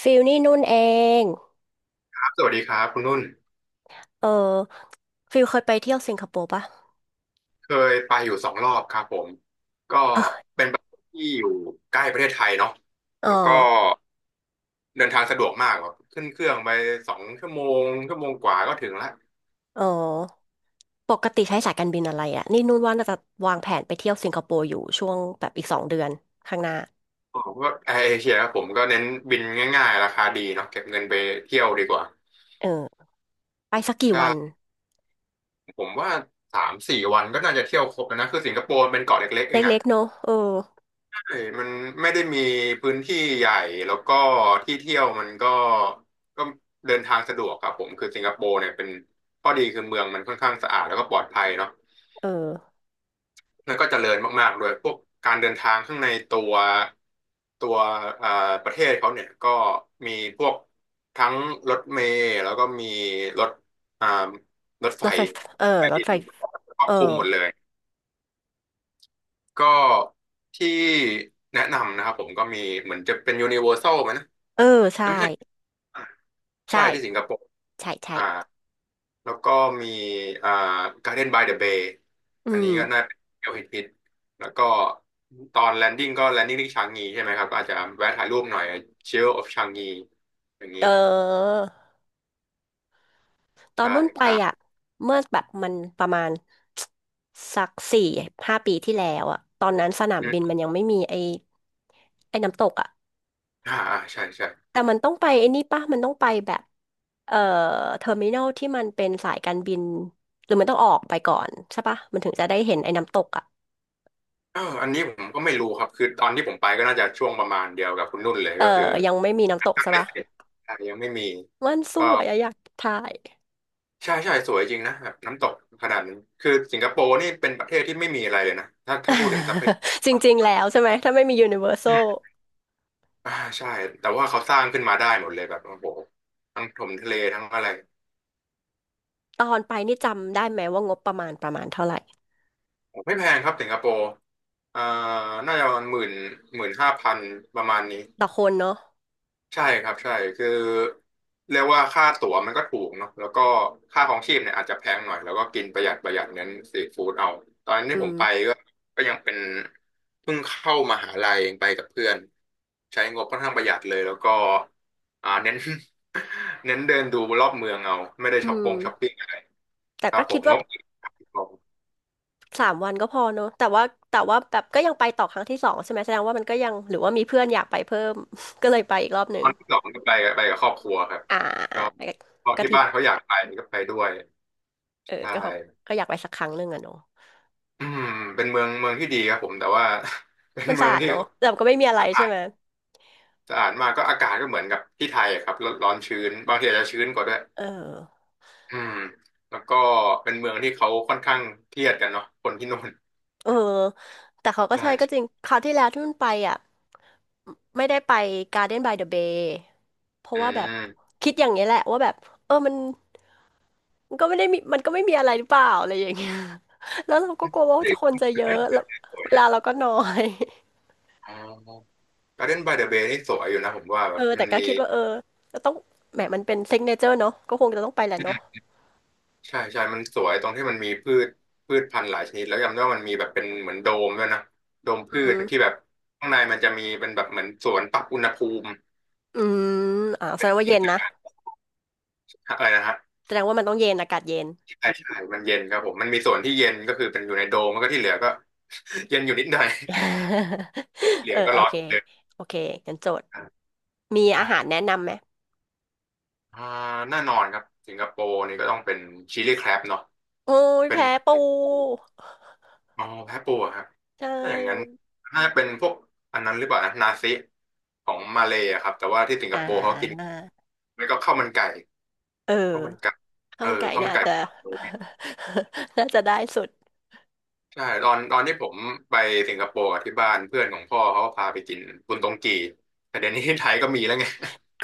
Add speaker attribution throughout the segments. Speaker 1: ฟิลนี่นุ่นเอง
Speaker 2: สวัสดีครับคุณนุ่น
Speaker 1: เออฟิลเคยไปเที่ยวสิงคโปร์ปะ
Speaker 2: เคยไปอยู่2 รอบครับผมก็เป็นประเทศที่อยู่ใกล้ประเทศไทยเนาะ
Speaker 1: อ๋อ
Speaker 2: แล้วก็เดินทางสะดวกมากแบบขึ้นเครื่องไป2 ชั่วโมงชั่วโมงกว่าก็ถึงละ
Speaker 1: อ๋อปกติใช้สายการบินอะไรอะนี่นุ่นว่าน่าจะวางแผนไปเที่ยวสิงคโปร์อยู่ช่วงแบบอีก2 เดือนข้างหน้า
Speaker 2: ผมก็แอร์เอเชียครับผมก็เน้นบินง่ายๆราคาดีเนาะเก็บเงินไปเที่ยวดีกว่า
Speaker 1: เออไปสักกี่วัน
Speaker 2: ใช่ผมว่า3-4 วันก็น่าจะเที่ยวครบแล้วนะคือสิงคโปร์มันเป็นเกาะเล็กๆเองอะ
Speaker 1: เล็กๆเนอะเออ
Speaker 2: ใช่มันไม่ได้มีพื้นที่ใหญ่แล้วก็ที่เที่ยวมันก็ก็เดินทางสะดวกครับผมคือสิงคโปร์เนี่ยเป็นข้อดีคือเมืองมันค่อนข้างสะอาดแล้วก็ปลอดภัยเนาะ
Speaker 1: เออ
Speaker 2: แล้วก็เจริญมากๆด้วยพวกการเดินทางข้างในตัวเอ่อประเทศเขาเนี่ยก็มีพวกทั้งรถเมล์แล้วก็มีรถอ่ารถไฟ
Speaker 1: รถไฟเออ
Speaker 2: ใต้
Speaker 1: ร
Speaker 2: ดิ
Speaker 1: ถไฟ
Speaker 2: นครอ
Speaker 1: เอ
Speaker 2: บ
Speaker 1: อ
Speaker 2: คลุมหมดเลยก็ที่แนะนำนะครับผมก็มีเหมือนจะเป็น Universal ไหมนะ
Speaker 1: เออ
Speaker 2: แต่
Speaker 1: ใช่
Speaker 2: ไม่ใช่ใช่
Speaker 1: ใช่
Speaker 2: ที่สิงคโปร์
Speaker 1: ใช่ใช่
Speaker 2: อ่าแล้วก็มีอ่า Garden by the Bay
Speaker 1: อื
Speaker 2: อันนี้
Speaker 1: ม
Speaker 2: ก็น่าเป็นเที่ยวฮิตๆแล้วก็ตอนแลนดิ้งก็แลนดิ้งที่ชางงีใช่ไหมครับอาจจะแวะถ่ายรูปหน่อย s h i l d of ชางงีอย่าง
Speaker 1: เอ
Speaker 2: นี้
Speaker 1: อ ตอน
Speaker 2: ใช่
Speaker 1: นุ่นไป
Speaker 2: ครั
Speaker 1: อ่ะ
Speaker 2: บ
Speaker 1: เมื่อแบบมันประมาณ สัก4 5 ปีที่แล้วอ่ะตอนนั้นสนามบิน
Speaker 2: อืม
Speaker 1: มันยังไม่มีไอ้ไอ้น้ำตกอ่ะ
Speaker 2: อ่าอ่าใช่ใช่
Speaker 1: แต่มันต้องไปไอ้นี่ป่ะมันต้องไปแบบเอ่อเทอร์มินอลที่มันเป็นสายการบินหรือมันต้องออกไปก่อนใช่ป่ะมันถึงจะได้เห็นไอ้น้ำตกอ่ะ
Speaker 2: เอออันนี้ผมก็ไม่รู้ครับคือตอนที่ผมไปก็น่าจะช่วงประมาณเดียวกับคุณนุ่นเลย
Speaker 1: เออ
Speaker 2: ก็คือ
Speaker 1: ยังไม่มีน้ำตกใช่ป่ะ
Speaker 2: ยังไม่มี
Speaker 1: มันส
Speaker 2: ก็
Speaker 1: วยอะอยากถ่าย
Speaker 2: ใช่ใช่สวยจริงนะแบบน้ำตกขนาดนั้นคือสิงคโปร์นี่เป็นประเทศที่ไม่มีอะไรเลยนะถ้าพูดถึงทรัพยา
Speaker 1: จ
Speaker 2: ก
Speaker 1: ริง
Speaker 2: ร
Speaker 1: ๆแล้วใช่ไหมถ้าไม่มียูนิเวอร์แซ
Speaker 2: อื
Speaker 1: ล
Speaker 2: มอ่าใช่แต่ว่าเขาสร้างขึ้นมาได้หมดเลยแบบโอ้โหทั้งถมทะเลทั้งอะไร
Speaker 1: ตอนไปนี่จำได้ไหมว่างบประมาณประมาณเท่าไหร่
Speaker 2: ไม่แพงครับสิงคโปร์อ่าน่าจะประมาณหมื่น15,000ประมาณนี้
Speaker 1: ต่อคนเนาะ
Speaker 2: ใช่ครับใช่คือเรียกว่าค่าตั๋วมันก็ถูกเนาะแล้วก็ค่าของชีพเนี่ยอาจจะแพงหน่อยแล้วก็กินประหยัดประหยัดเน้นสตรีทฟู้ดเอาตอนนั้นที่
Speaker 1: อื
Speaker 2: ผ
Speaker 1: ม
Speaker 2: มไปก็ยังเป็นเพิ่งเข้ามหาลัยเองไปกับเพื่อนใช้งบค่อนข้างประหยัดเลยแล้วก็เน้น เน้นเดินดูรอบเมืองเอาไม่ได้
Speaker 1: อืม
Speaker 2: ช้อปปิ้งอะไร
Speaker 1: แต่
Speaker 2: ครั
Speaker 1: ก็
Speaker 2: บผ
Speaker 1: คิด
Speaker 2: มง
Speaker 1: ว่า
Speaker 2: บ
Speaker 1: สามวันก็พอเนอะแต่ว่าแต่ว่าแบบก็ยังไปต่อครั้งที่ 2ใช่ไหมแสดงว่ามันก็ยังหรือว่ามีเพื่อนอยากไปเพิ่ม ก็เลยไปอีกรอบห
Speaker 2: ต
Speaker 1: นึ่ง
Speaker 2: อนที่สองเนี่ยไปกับครอบครัวครับ
Speaker 1: อ่าอ่า
Speaker 2: ก็พอ
Speaker 1: ก
Speaker 2: ที่
Speaker 1: ฐิน
Speaker 2: บ้านเขาอยากไปก็ไปด้วย
Speaker 1: เออ
Speaker 2: ใช่
Speaker 1: ก็เขาก็อยากไปสักครั้งหนึ่งอะเนอะ
Speaker 2: อืมเป็นเมืองเมืองที่ดีครับผมแต่ว่า เป็น
Speaker 1: มัน
Speaker 2: เมื
Speaker 1: สะ
Speaker 2: อง
Speaker 1: อาด
Speaker 2: ที่
Speaker 1: เนอะแต่ก็ไม่มีอะ ไร
Speaker 2: สะอา
Speaker 1: ใช่
Speaker 2: ด
Speaker 1: ไหม
Speaker 2: สะอาดมากก็อากาศก็เหมือนกับที่ไทยอะครับร้อนร้อนชื้นบางทีอาจจะชื้นกว่าด้วย
Speaker 1: เออ
Speaker 2: อืมแล้วก็เป็นเมืองที่เขาค่อนข้างเครียดกันเนาะคนที่นู่น
Speaker 1: เออแต่เขาก็
Speaker 2: ใช่
Speaker 1: ใช่ก็จริงคราวที่แล้วที่มันไปอ่ะไม่ได้ไป Garden by the Bay เพราะ
Speaker 2: อื
Speaker 1: ว่าแบบ
Speaker 2: ม
Speaker 1: คิดอย่างนี้ยแหละว่าแบบเออมันมันก็ไม่ได้มีมันก็ไม่มีอะไรหรือเปล่าอะไรอย่างเงี้ย แล้วเราก็กลัวว่าจะคนจะเยอะแล้วเวลา
Speaker 2: น
Speaker 1: เราก็น้อย
Speaker 2: อ๋อการ์เดนบายเดอะเบย์นี่สวยอยู่นะผมว่า แบ
Speaker 1: เออ
Speaker 2: บมั
Speaker 1: แต่
Speaker 2: น
Speaker 1: ก็
Speaker 2: มี
Speaker 1: คิดว่าเออจะต้องแหมมันเป็นซิกเนเจอร์เนาะก็คงจะต้องไปแหละเนาะ
Speaker 2: ใช่ใช่มันสวยตรงที่มันมีพืชพันธุ์หลายชนิดแล้วจำได้ว่ามันมีแบบเป็นเหมือนโดมด้วยนะโดมพื
Speaker 1: อื
Speaker 2: ช
Speaker 1: ม
Speaker 2: ที่แบบข้างในมันจะมีเป็นแบบเหมือนสวนปรับอุณหภูมิ
Speaker 1: อืมอ่าแสดงว่าเย็นนะ
Speaker 2: อะไรนะฮะ
Speaker 1: แสดงว่ามันต้องเย็นอากาศเย็น
Speaker 2: ใช่ใช่มันเย็นครับผมมันมีส่วนที่เย็นก็คือเป็นอยู่ในโดมแล้วก็ที่เหลือก็ เย็นอยู่นิดหน่อย เห ลื
Speaker 1: เอ
Speaker 2: อ
Speaker 1: อ
Speaker 2: ก็
Speaker 1: โอ
Speaker 2: ร้อ
Speaker 1: เค
Speaker 2: นเลย
Speaker 1: โอเคงั้นโจทย์
Speaker 2: อ
Speaker 1: มีอา
Speaker 2: ่า
Speaker 1: หารแนะนำไหม
Speaker 2: อ่าแน่นอนครับสิงคโปร์นี่ก็ต้องเป็นชิลลี่แครบเนาะ
Speaker 1: โอ้ย
Speaker 2: เป็น
Speaker 1: แพ้ปู
Speaker 2: อ๋อแพะปูอะครับ
Speaker 1: ใช
Speaker 2: ถ้าอย่างนั้น
Speaker 1: ่
Speaker 2: น่าจะเป็นพวกอันนั้นหรือเปล่านะ นาซิของมาเลย์อะครับ แต่ว่าที่สิงค
Speaker 1: อ่
Speaker 2: โปร์เขากิน
Speaker 1: า
Speaker 2: แล้วก็ข้าวมันไก่
Speaker 1: เออ
Speaker 2: ข้าวมันไก่
Speaker 1: ข้า
Speaker 2: เอ
Speaker 1: ว
Speaker 2: อ
Speaker 1: มันไก่
Speaker 2: ข้าว
Speaker 1: เนี่
Speaker 2: มั
Speaker 1: ย
Speaker 2: น
Speaker 1: อา
Speaker 2: ไก่
Speaker 1: จจะ น่าจะได้สุด
Speaker 2: ใช่ตอนที่ผมไปสิงคโปร์กับที่บ้านเพื่อนของพ่อเขาก็พาไปกินบุนตงกีแต่เดี๋ยวนี้ที่ไทยก็มีแล้วไง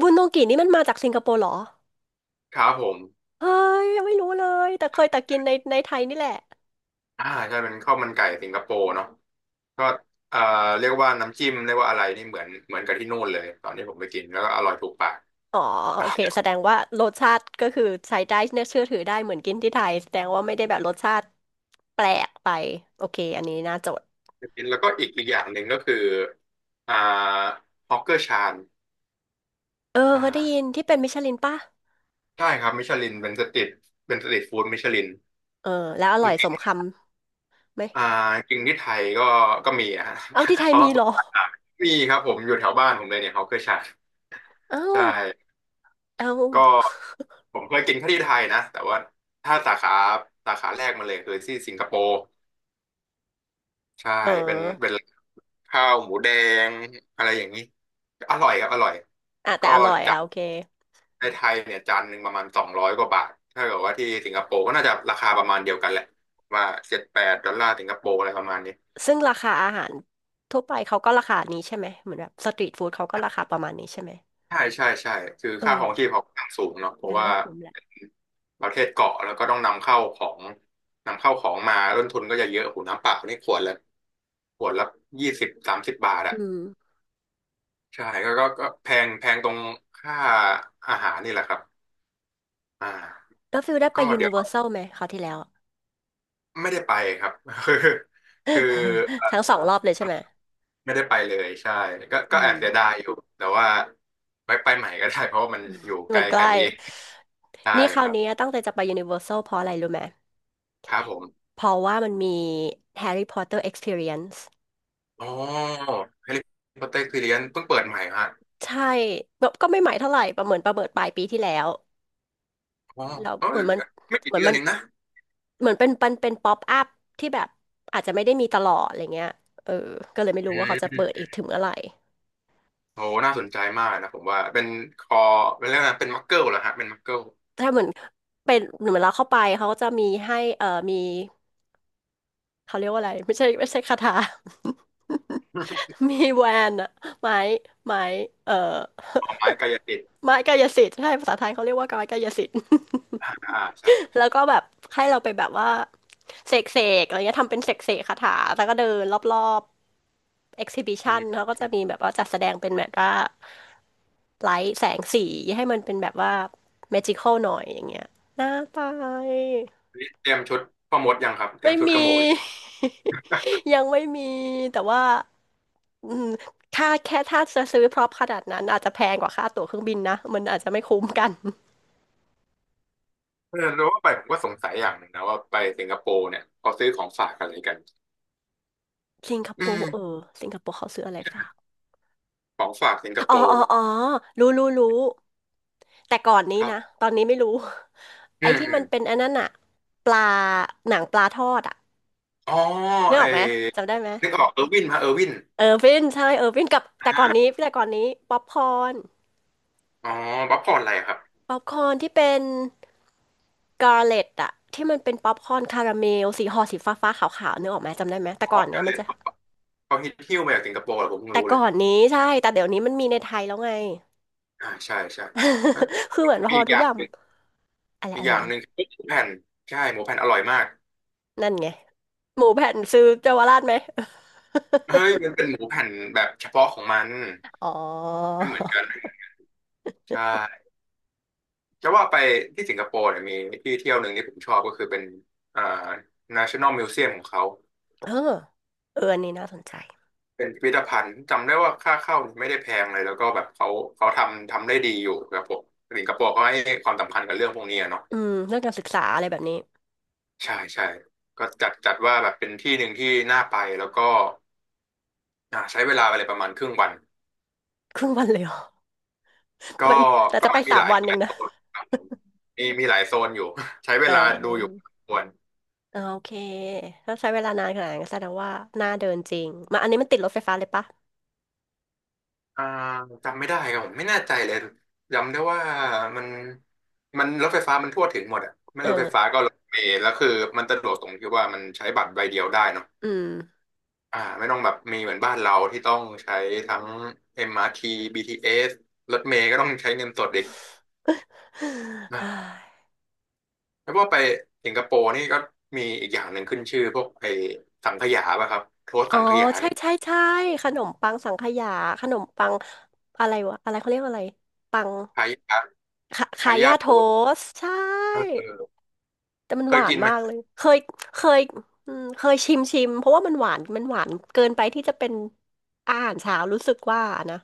Speaker 1: บุนโนกินี่มันมาจากสิงคโปร์เหรอ
Speaker 2: ครับผม
Speaker 1: เฮ้ยยังไม่รู้เลยแต่เคยแต่กินในในไทยนี่แหละ
Speaker 2: ใช่เป็นข้าวมันไก่สิงคโปร์เนาะก็เอ่อเรียกว่าน้ำจิ้มเรียกว่าอะไรนี่เหมือนกับที่นู่นเลยตอนที่ผมไปกินแล้วก็อร่อยถูกปาก
Speaker 1: อ๋อโอเค แสดงว่ารสชาติก็คือใช้ได้เน่าเชื่อถือได้เหมือนกินที่ไทยแสดงว่าไม่ได้แบบรสชาติแปลกไปโอเคอันนี้น่าจด
Speaker 2: ไปกินแล้วก็อีกอย่างหนึ่งก็คืออ่าฮอกเกอร์ชาน
Speaker 1: เออเคยได้ยิน
Speaker 2: อ่า
Speaker 1: ที่เป็นมิชลินป่ะ
Speaker 2: ใช่ครับมิชลินเป็นสตรีทฟู้ดมิชลิน
Speaker 1: เออแล้วอร่อยสมคำไหม
Speaker 2: อ่าจริงที่ไทยก็มีอะฮะ
Speaker 1: เอาที่ไท ย
Speaker 2: เขา
Speaker 1: มี
Speaker 2: ว่าเปิ
Speaker 1: เหร
Speaker 2: ด
Speaker 1: อ
Speaker 2: รานมีครับผมอยู่แถวบ้านผมเลยเนี่ยเขาเคยฉาย
Speaker 1: เอ้า
Speaker 2: ใช่
Speaker 1: เอ้า
Speaker 2: ก็ผมเคยกินแค่ที่ไทยนะแต่ว่าถ้าสาขาแรกมาเลยคือที่สิงคโปร์ใช่
Speaker 1: เออ
Speaker 2: เป็นข้าวหมูแดงอะไรอย่างนี้อร่อยครับอร่อย
Speaker 1: อ่ะแต่
Speaker 2: ก็
Speaker 1: อร่อย
Speaker 2: จา
Speaker 1: อ่ะ
Speaker 2: น
Speaker 1: โอเค
Speaker 2: ในไทยเนี่ยจานหนึ่งประมาณ200 กว่าบาทถ้าเกิดว่าที่สิงคโปร์ก็น่าจะราคาประมาณเดียวกันแหละว่า7-8 ดอลลาร์สิงคโปร์อะไรประมาณนี้
Speaker 1: ซึ่งราคาอาหารทั่วไปเขาก็ราคานี้ใช่ไหมเหมือนแบบสตรีทฟู้ดเขาก็ราคาประมาณนี้ใช่ไหม
Speaker 2: ใช่ใช่ใช่คือ
Speaker 1: เออ
Speaker 2: ค่าครองชีพเขาค่างสูงเนาะเพราะ
Speaker 1: งั้น
Speaker 2: ว่า
Speaker 1: ก็คุ้มแหละ
Speaker 2: ประเทศเกาะแล้วก็ต้องนำเข้าของมาต้นทุนก็จะเยอะหูน้ำเปล่านี่ขวดละ20-30 บาทอะ
Speaker 1: อืม
Speaker 2: ใช่ก็แพงแพงตรงค่าอาหารนี่แหละครับอ่า
Speaker 1: แล้วฟิลได้ไป
Speaker 2: ก็
Speaker 1: ยู
Speaker 2: เดี๋
Speaker 1: นิ
Speaker 2: ยว
Speaker 1: เวอร์แซลไหมคราวที่แล้ว
Speaker 2: ไม่ได้ไปครับ คือคือเอ
Speaker 1: ทั้งส
Speaker 2: ่
Speaker 1: อ
Speaker 2: อ
Speaker 1: งรอบเลยใช่ไหม
Speaker 2: ไม่ได้ไปเลยใช่ก็
Speaker 1: อื
Speaker 2: ก็แอบเสียดา
Speaker 1: ม
Speaker 2: ยอยู่แต่ว่าไปใหม่ก็ได้เพราะว่ามันอยู่ไก
Speaker 1: มั
Speaker 2: ล
Speaker 1: นใก
Speaker 2: แค่
Speaker 1: ล้
Speaker 2: นี้เองใช่
Speaker 1: นี่ค
Speaker 2: ค
Speaker 1: ราว
Speaker 2: รับ
Speaker 1: นี้ตั้งใจจะไปยูนิเวอร์แซลเพราะอะไรรู้ไหม
Speaker 2: ครับผม
Speaker 1: เพราะว่ามันมีแฮร์รี่พอตเตอร์ Experience
Speaker 2: อ๋อแฮร์รี่พอตเตอร์คือเรียนเพิ่งเปิดใหม่ฮะ
Speaker 1: ใช่แบบก็ไม่ใหม่เท่าไหร่ประเมินประเมินปลายปีที่แล้ว
Speaker 2: อ๋อ
Speaker 1: แล้ว
Speaker 2: เอ้
Speaker 1: เหมื
Speaker 2: ย
Speaker 1: อนมัน
Speaker 2: ไม่
Speaker 1: เห
Speaker 2: กี่
Speaker 1: มือน
Speaker 2: เดือน
Speaker 1: มัน
Speaker 2: เองนะ
Speaker 1: เหมือนเป็นเป็นเป็นป๊อปอัพที่แบบอาจจะไม่ได้มีตลอดอะไรเงี้ยเออก็เลยไม่
Speaker 2: อื
Speaker 1: รู้ว่าเขาจะเปิด
Speaker 2: ม
Speaker 1: อีกถึงเมื่อไหร่
Speaker 2: โอน่าสนใจมากนะผมว่าเป็นคอเป็นเรื่องนะไรเป็นมักเกิลเหรอฮะเป็นมักเกิล
Speaker 1: ถ้าเหมือนเป็นเหมือนเราเข้าไปเขาก็จะมีให้มี เขาเรียกว่าอะไรไม่ใช่ไม่ใช่คาถา มีแวนอะไม้ไม้เอ่อ
Speaker 2: เอาไม้กายสิทธิ์
Speaker 1: ไม้กายสิทธิ์ใช่ภาษาไทยเขาเรียกว่าไม้กายสิทธิ์
Speaker 2: อ่าใช่ครับ
Speaker 1: แล้
Speaker 2: ใช่
Speaker 1: วก็แบบให้เราไปแบบว่าเสกเสกอะไรเงี้ยทำเป็นเสกเสกคาถาแล้วก็เดินรอบๆ
Speaker 2: อื
Speaker 1: exhibition
Speaker 2: ม
Speaker 1: เขาก็จะมีแบบว่าจัดแสดงเป็นแบบว่าไลท์แสงสีให้มันเป็นแบบว่า magical หน่อยอย่างเงี้ยน่าไป
Speaker 2: นี่เตรียมชุดพ่อมดยังครับเตรี
Speaker 1: ไม่
Speaker 2: ยมชุดกระ
Speaker 1: มี
Speaker 2: โหมกยัง
Speaker 1: ยังไม่มีแต่ว่า อืมถ้าแค่ถ้าจะซื้อพร็อพขนาดนั้นอาจจะแพงกว่าค่าตั๋วเครื่องบินนะมันอาจจะไม่คุ้มกัน
Speaker 2: เออแล้วว่าไปผมก็สงสัยอย่างหนึ่งนะว่าไปสิงคโปร์เนี่ยเขาซื้อของฝากอะไรกัน
Speaker 1: สิงค
Speaker 2: อื
Speaker 1: โป
Speaker 2: ม
Speaker 1: ร์เออสิงคโปร์เขาซื้ออะไรฝาก
Speaker 2: ของฝากสิงคโป
Speaker 1: อ๋ออ๋อ
Speaker 2: ร์
Speaker 1: อ๋อรู้รู้รู้แต่ก่อนนี้
Speaker 2: ครับ
Speaker 1: นะตอนนี้ไม่รู้
Speaker 2: อื
Speaker 1: ไอ้
Speaker 2: ม
Speaker 1: ที่
Speaker 2: อื
Speaker 1: มั
Speaker 2: ม
Speaker 1: นเป็นอันนั้นอะปลาหนังปลาทอดอะ
Speaker 2: อ๋อ
Speaker 1: นึกอ
Speaker 2: ไอ้
Speaker 1: อกไหมจำได้ไหม
Speaker 2: นึกออกเออร์วินฮะเออร์วิน
Speaker 1: เออร์วินใช่เออร์วินกับแต่ก่
Speaker 2: อา
Speaker 1: อนนี้แต่ก่อนนี้ป๊อปคอร์น
Speaker 2: อ๋อป๊อปคอร์นอะไรครับ
Speaker 1: ป๊อปคอร์นที่เป็นกา r l เลตอะที่มันเป็นป๊อปคอร์นคาราเมลสีห่อสีฟ้าๆขาวๆนึกออกไหมจำได้ไหมแต่
Speaker 2: อ๋
Speaker 1: ก่
Speaker 2: อ
Speaker 1: อนเนี้
Speaker 2: เกา
Speaker 1: ย
Speaker 2: ห
Speaker 1: มั
Speaker 2: ลี
Speaker 1: นจะ
Speaker 2: เขาฮิตหิ้วมาจากสิงคโปร์เหรอผมเพิ่ง
Speaker 1: แต่
Speaker 2: รู้เล
Speaker 1: ก่อ
Speaker 2: ย
Speaker 1: นนี้ใช่ แต่เดี๋ยวนี้มันมีในไทยแล้วไง
Speaker 2: อ่าใช่ใช่แล้ว
Speaker 1: คือเหมือนพ
Speaker 2: มี
Speaker 1: อ
Speaker 2: อีก
Speaker 1: ทุ
Speaker 2: อ
Speaker 1: กอ
Speaker 2: ย่าง
Speaker 1: ย่าง
Speaker 2: หนึ่ง
Speaker 1: อะไร
Speaker 2: อีก
Speaker 1: อะ
Speaker 2: อ
Speaker 1: ไร
Speaker 2: ย่าง
Speaker 1: อะ
Speaker 2: ห
Speaker 1: ไร
Speaker 2: นึ่งคือหมูแผ่นใช่หมูแผ่นอร่อยมาก
Speaker 1: นั่นไง หมูแผ่นซื้อเยาวราชไหม
Speaker 2: เฮ้ยมันเป็นหมูแผ่นแบบเฉพาะของมัน
Speaker 1: อ๋อ
Speaker 2: ไม่เหมือนกันใช่จะว่าไปที่สิงคโปร์เนี่ยมีที่เที่ยวหนึ่งที่ผมชอบก็คือเป็นอ่า National Museum ของเขา
Speaker 1: เออเอออันนี้น่าสนใจ
Speaker 2: เป็นพิพิธภัณฑ์จำได้ว่าค่าเข้าไม่ได้แพงเลยแล้วก็แบบเขาทำได้ดีอยู่ครับผมสิงคโปร์เขาให้ความสำคัญกับเรื่องพวกนี้อะเนาะ
Speaker 1: อืมเรื่องการศึกษาอะไรแบบนี้
Speaker 2: ใช่ใช่ก็จัดว่าแบบเป็นที่หนึ่งที่น่าไปแล้วก็ใช้เวลาไปเลยประมาณครึ่งวัน
Speaker 1: ครึ่งวันเลยเหรอ ไป
Speaker 2: ก็
Speaker 1: แต่
Speaker 2: ก็
Speaker 1: จะไป
Speaker 2: มันมี
Speaker 1: สา
Speaker 2: ห
Speaker 1: ม
Speaker 2: ลาย
Speaker 1: วัน
Speaker 2: ห
Speaker 1: เอ
Speaker 2: ลาย
Speaker 1: ง
Speaker 2: โซ
Speaker 1: นะ
Speaker 2: นครับผมมีหลายโซนอยู่ ใช้
Speaker 1: เ
Speaker 2: เวลาดูอยู่พ
Speaker 1: ออ
Speaker 2: อสมควร
Speaker 1: เออโอเคถ้าใช้เวลานานขนาดนั้นก็แสดงว่าน่าเดินจริงมาอันนี้มันติดรถไฟฟ้าเลยปะ
Speaker 2: อ่าจำไม่ได้ครับผมไม่แน่ใจเลยจำได้ว่ามันมันรถไฟฟ้ามันทั่วถึงหมดอ่ะไม่รถไฟฟ้า
Speaker 1: เออ
Speaker 2: ก็รถเมล์แล้วคือมันสะดวกตรงที่ว่ามันใช้บัตรใบเดียวได้เนาะ
Speaker 1: อืม
Speaker 2: ไม่ต้องแบบมีเหมือนบ้านเราที่ต้องใช้ทั้ง MRT BTS รทีบีทีเอสรถเมล์ก็ต้องใช้เงินสดอีก แล้วพวาไปสิงคโปร์นี่ก็มีอีกอย่างหนึ่งขึ้นชื่อพวกไอ้สังขยาป่ะครับโทษ
Speaker 1: อ๋อ
Speaker 2: สังขยา
Speaker 1: ใช่
Speaker 2: เนี่ย
Speaker 1: ใช่ใช่ขนมปังสังขยาขนมปังอะไรวะอะไรเขาเรียกว่าอะไรปัง
Speaker 2: คายา
Speaker 1: ขาขา
Speaker 2: คายา
Speaker 1: ยา
Speaker 2: โท
Speaker 1: โท
Speaker 2: ษ
Speaker 1: สต์ใช่
Speaker 2: เออเออ
Speaker 1: แต่มัน
Speaker 2: เค
Speaker 1: ห
Speaker 2: ย
Speaker 1: วาน
Speaker 2: กินไหม
Speaker 1: มากเลยเคยเคยอืมเคยชิมชิมเพราะว่ามันหวานมันหวานเกินไปที่จะเป็นอาหารเช้ารู้สึกว่านะ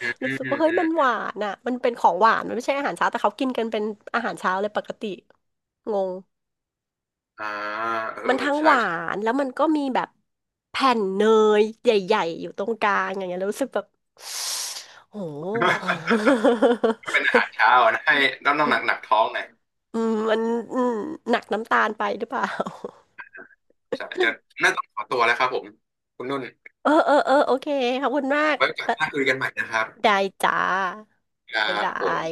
Speaker 2: อืม
Speaker 1: รู้
Speaker 2: อืม
Speaker 1: สึกว่าเฮ้ย
Speaker 2: อื
Speaker 1: มันห
Speaker 2: ม
Speaker 1: วานอ่ะมันเป็นของหวานมันไม่ใช่อาหารเช้าแต่เขากินกันเป็นอาหารเช้าเลยปกติงง
Speaker 2: อ่าเออ
Speaker 1: มัน
Speaker 2: เออ
Speaker 1: ทั้งห
Speaker 2: ใช่
Speaker 1: วา
Speaker 2: ใช่
Speaker 1: นแล้วมันก็มีแบบแผ่นเนยใหญ่ๆอยู่ตรงกลางอย่างเงี้ยแล้วรู้สึกแบบโอ้โห
Speaker 2: เป็นอาหารเช้า อะนะให้ต้องหนักหนักท้องหน่อย
Speaker 1: อืมมันอืมหนักน้ำตาลไปหรือเปล่า
Speaker 2: ใช่จะน่าต้องขอตัวแล้วครับผมคุณนุ่น
Speaker 1: เออเออเออโอเคขอบคุณมาก
Speaker 2: ไว้โอกั
Speaker 1: เอ
Speaker 2: น
Speaker 1: อ
Speaker 2: หน้าคุยกันใหม่นะครับ
Speaker 1: ได้จ้า
Speaker 2: ครั
Speaker 1: บ๊าย
Speaker 2: บ
Speaker 1: บา
Speaker 2: ผม
Speaker 1: ย